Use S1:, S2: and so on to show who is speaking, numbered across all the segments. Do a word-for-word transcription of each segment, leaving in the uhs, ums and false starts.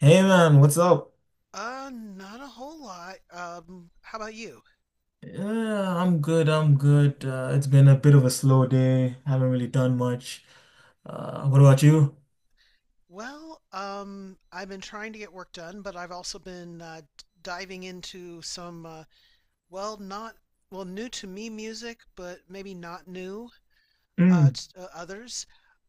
S1: Hey man, what's up?
S2: Uh, not a whole lot. Um, how about you?
S1: Uh, I'm good, I'm good. Uh, it's been a bit of a slow day. Haven't really done much. Uh, what about you?
S2: Well, um, I've been trying to get work done, but I've also been uh, d- diving into some, uh, well, not, well, new to me music, but maybe not new uh,
S1: Mm,
S2: t- to uh, others.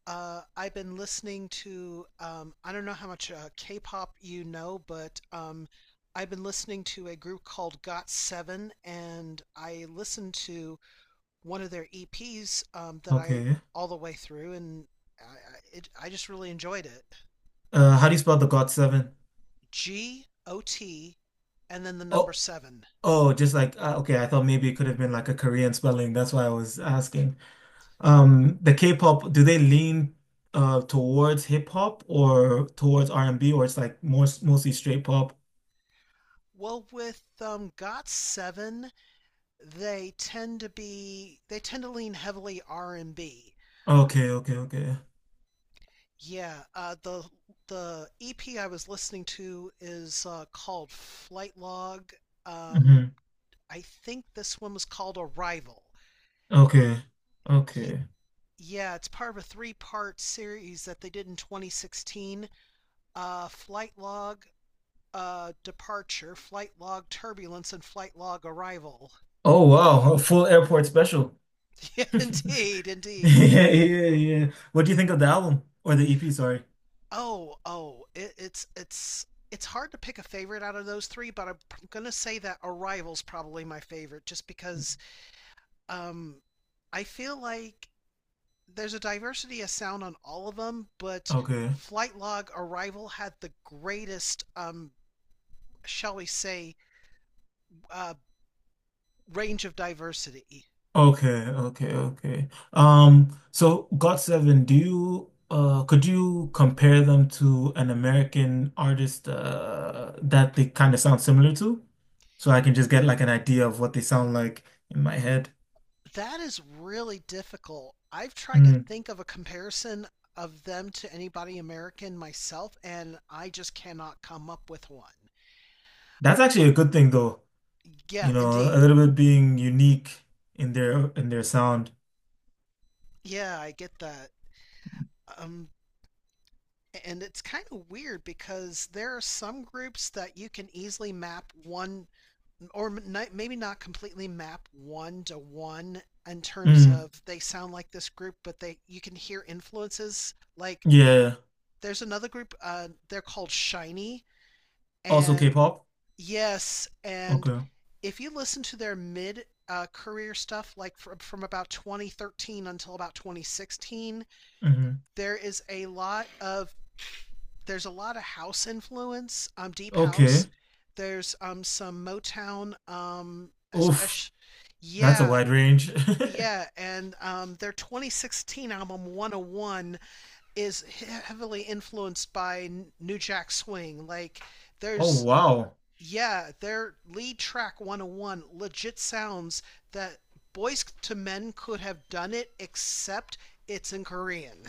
S2: Uh, I've been listening to, um, I don't know how much uh, K-pop you know, but um, I've been listening to a group called Got Seven, and I listened to one of their E Ps um, that I
S1: okay.
S2: all the way through, and I, it, I just really enjoyed it.
S1: Uh, how do you spell the God Seven?
S2: G O T, and then the number
S1: Oh,
S2: seven.
S1: oh, just like uh, okay. I thought maybe it could have been like a Korean spelling. That's why I was asking. Um, the K-pop, do they lean uh towards hip hop or towards R and B, or it's like more mostly straight pop?
S2: Well, with um, Got Seven, they tend to be they tend to lean heavily R and B.
S1: Okay, okay, okay.
S2: Yeah, uh, the the E P I was listening to is uh, called Flight Log. Um,
S1: Hmm.
S2: I think this one was called Arrival.
S1: Okay,
S2: Ye-
S1: okay.
S2: yeah, it's part of a three part series that they did in twenty sixteen, uh, Flight Log uh, Departure, Flight Log Turbulence, and Flight Log Arrival.
S1: Oh wow, a full airport special.
S2: Indeed, indeed.
S1: Yeah, yeah, yeah. What do you think of the album or the E P? Sorry.
S2: Oh, oh, it, it's, it's, it's hard to pick a favorite out of those three, but I'm gonna say that Arrival's probably my favorite, just because um, I feel like there's a diversity of sound on all of them, but
S1: Okay.
S2: Flight Log Arrival had the greatest, um, shall we say, uh, range of diversity.
S1: Okay, okay, okay. Um, so God Seven, do you uh could you compare them to an American artist uh that they kind of sound similar to? So I can just get like an idea of what they sound like in my head.
S2: That is really difficult. I've tried to
S1: Mm.
S2: think of a comparison of them to anybody American myself, and I just cannot come up with one.
S1: That's
S2: Uh,
S1: actually a good thing though.
S2: yeah,
S1: You know, a
S2: indeed.
S1: little bit being unique in their in their sound.
S2: Yeah, I get that. Um, and it's kind of weird because there are some groups that you can easily map one or maybe not completely map one to one in terms
S1: Mm.
S2: of they sound like this group, but they you can hear influences. Like
S1: Yeah.
S2: there's another group, uh, they're called Shiny,
S1: Also
S2: and
S1: K-pop?
S2: yes, and
S1: Okay.
S2: if you listen to their mid uh, career stuff, like from, from about twenty thirteen until about twenty sixteen,
S1: Hmm.
S2: there is a lot of there's a lot of house influence, um, deep house.
S1: Okay.
S2: There's um some Motown, um,
S1: Oof,
S2: especially,
S1: that's a
S2: yeah,
S1: wide range.
S2: yeah, and um, their twenty sixteen album one oh one is heavily influenced by N- New Jack Swing. Like,
S1: Oh
S2: there's
S1: wow.
S2: Yeah, their lead track one oh one legit sounds that Boys to Men could have done it, except it's in Korean.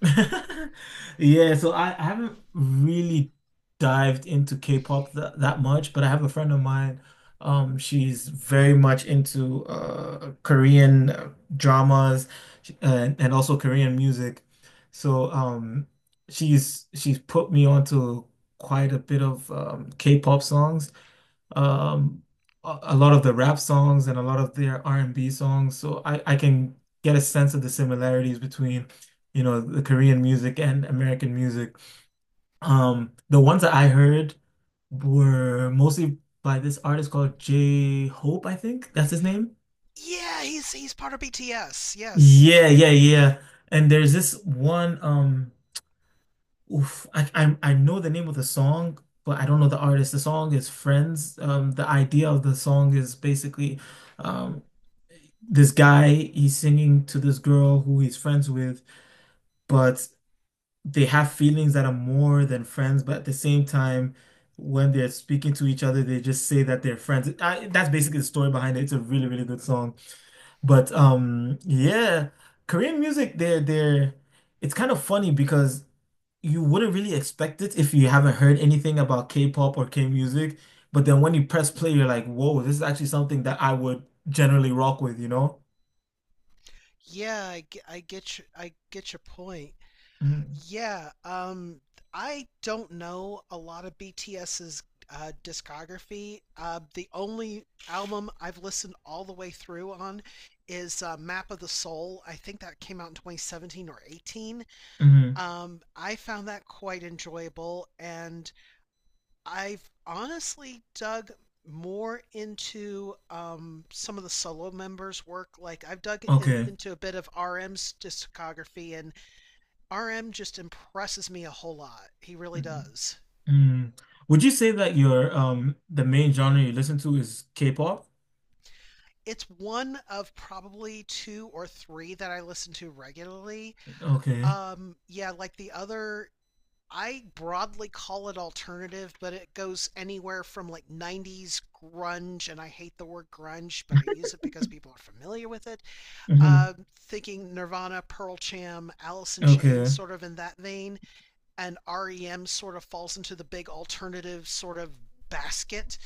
S1: Yeah, so I, I haven't really dived into K-pop that, that much, but I have a friend of mine. Um, she's very much into uh Korean uh, dramas sh- and, and also Korean music. So um she's she's put me onto quite a bit of um K-pop songs. um, a, a lot of the rap songs and a lot of their R and B songs. So I, I can get a sense of the similarities between, you know, the Korean music and American music. Um, the ones that I heard were mostly by this artist called J Hope, I think that's his name.
S2: Yeah, he's he's part of B T S. Yes.
S1: Yeah, yeah, yeah. And there's this one, um, oof, I, I I know the name of the song, but I don't know the artist. The song is Friends. Um, the idea of the song is basically, um, this guy he's singing to this girl who he's friends with, but they have feelings that are more than friends, but at the same time, when they're speaking to each other, they just say that they're friends. I, that's basically the story behind it. It's a really, really good song. But um, yeah, Korean music, they're they're it's kind of funny because you wouldn't really expect it if you haven't heard anything about K-pop or K-music. But then when you press play, you're like, whoa, this is actually something that I would generally rock with, you know?
S2: Yeah, I, ge- I get you, I get your point.
S1: Mhm.
S2: Yeah, um, I don't know a lot of BTS's uh, discography. Uh, the only album I've listened all the way through on is uh, Map of the Soul. I think that came out in twenty seventeen or eighteen.
S1: Mhm.
S2: Um, I found that quite enjoyable, and I've honestly dug more into um, some of the solo members' work. Like I've dug in,
S1: Okay.
S2: into a bit of R M's discography, and R M just impresses me a whole lot. He really does.
S1: Mm. Would you say that your um the main genre you listen to is K-pop?
S2: It's one of probably two or three that I listen to regularly.
S1: Okay.
S2: Um, yeah, like the other, I broadly call it alternative, but it goes anywhere from like nineties grunge, and I hate the word grunge, but I use it because people are familiar with it.
S1: Hmm.
S2: Uh, Thinking Nirvana, Pearl Jam, Alice in Chains,
S1: Okay.
S2: sort of in that vein, and R E M sort of falls into the big alternative sort of basket.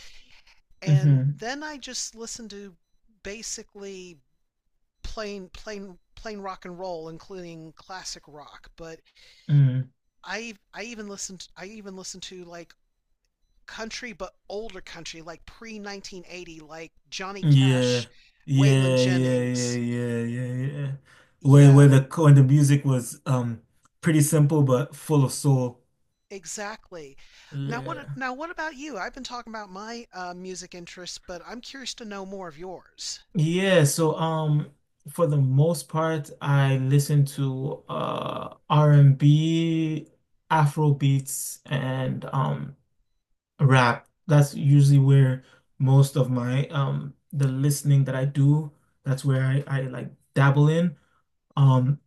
S2: And
S1: Hmm.
S2: then I just listened to basically plain plain plain rock and roll, including classic rock. But
S1: Mm.
S2: I I even listened I even listened to like country, but older country, like pre nineteen eighty, like Johnny
S1: Yeah.
S2: Cash, Waylon
S1: Yeah, yeah, yeah,
S2: Jennings.
S1: yeah, yeah, yeah. Where where
S2: Yeah,
S1: the when the music was um pretty simple but full of soul.
S2: exactly. Now what
S1: Yeah.
S2: now what about you? I've been talking about my uh, music interests, but I'm curious to know more of yours.
S1: Yeah, so um for the most part I listen to uh R and B, Afro beats, and um rap. That's usually where most of my um the listening that I do, that's where I, I like dabble in. Um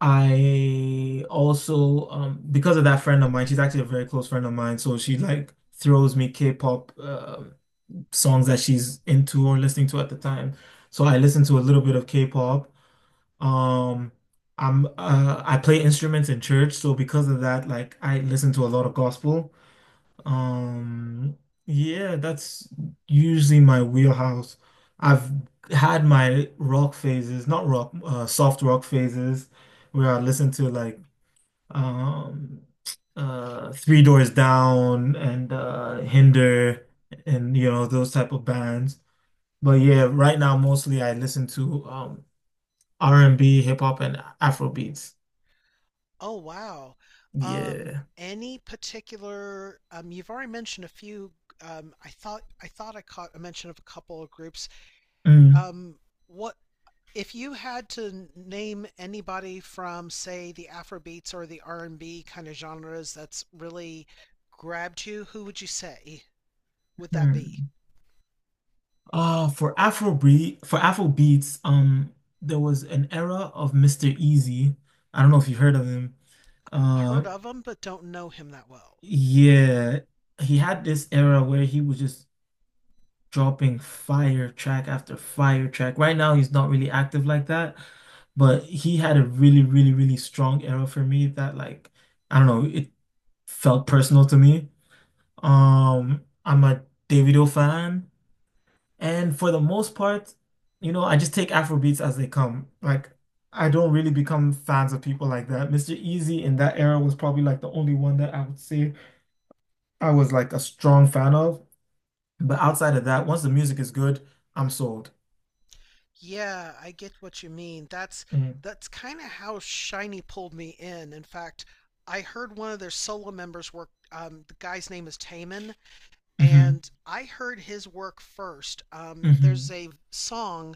S1: I also um because of that friend of mine, she's actually a very close friend of mine, so she like throws me K-pop uh, songs that she's into or listening to at the time. So I listen to a little bit of K-pop. Um I'm uh I play instruments in church, so because of that, like I listen to a lot of gospel. Um, yeah, that's usually my wheelhouse. I've had my rock phases, not rock, uh, soft rock phases, where I listen to like um, uh, Three Doors Down and uh, Hinder and you know those type of bands. But yeah, right now mostly I listen to um, R and B, hip hop, and Afro beats.
S2: Oh wow. Um,
S1: Yeah.
S2: any particular um, you've already mentioned a few, um, I thought I thought I caught a mention of a couple of groups. Um, what if you had to n- name anybody from say the Afrobeats or the R and B kind of genres that's really grabbed you, who would you say would that be?
S1: Mhm. Uh, for Afrobeat, for Afrobeats, um, there was an era of mister Easy. I don't know if you've heard of him. Uh,
S2: Heard of him, but don't know him that well.
S1: yeah, he had this era where he was just dropping fire track after fire track. Right now, he's not really active like that, but he had a really, really, really strong era for me that, like, I don't know, it felt personal to me. Um, I'm a Davido fan. And for the most part, you know, I just take Afro beats as they come. Like, I don't really become fans of people like that. mister Easy in that era was probably like the only one that I would say I was like a strong fan of. But outside of that, once the music is good, I'm sold.
S2: Yeah, I get what you mean. That's
S1: Mm.
S2: that's kind of how Shiny pulled me in. In fact, I heard one of their solo members work. Um, the guy's name is Taman,
S1: Mm-hmm.
S2: and I heard his work first. Um,
S1: Mm-hmm.
S2: there's a song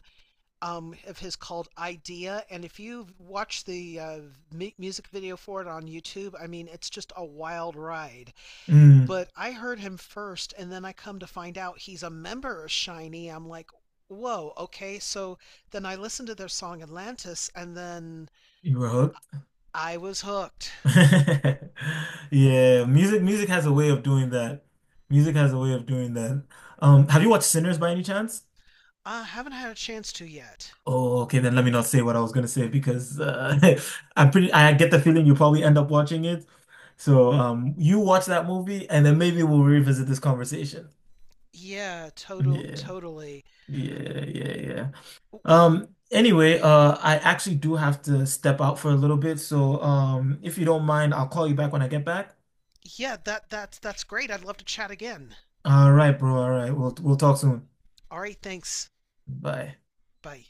S2: um, of his called "Idea," and if you watch the uh, mu- music video for it on YouTube, I mean, it's just a wild ride,
S1: Mm.
S2: but I heard him first, and then I come to find out he's a member of Shiny. I'm like, whoa, okay. So then I listened to their song Atlantis, and then
S1: You were hooked.
S2: I was hooked.
S1: Yeah, music music has a way of doing that. Music has a way of doing that. Um, have you watched Sinners by any chance?
S2: I haven't had a chance to yet.
S1: Oh, okay, then let me not say what I was gonna say because uh, I'm pretty. I get the feeling you'll probably end up watching it. So, um, you watch that movie, and then maybe we'll revisit this conversation.
S2: Yeah, total,
S1: Yeah,
S2: totally.
S1: yeah, yeah, yeah. Um. Anyway, uh, I actually do have to step out for a little bit, so um, if you don't mind, I'll call you back when I get back.
S2: Yeah, that that's that's great. I'd love to chat again.
S1: All right, bro. All right, we'll we'll talk soon.
S2: All right, thanks.
S1: Bye.
S2: Bye.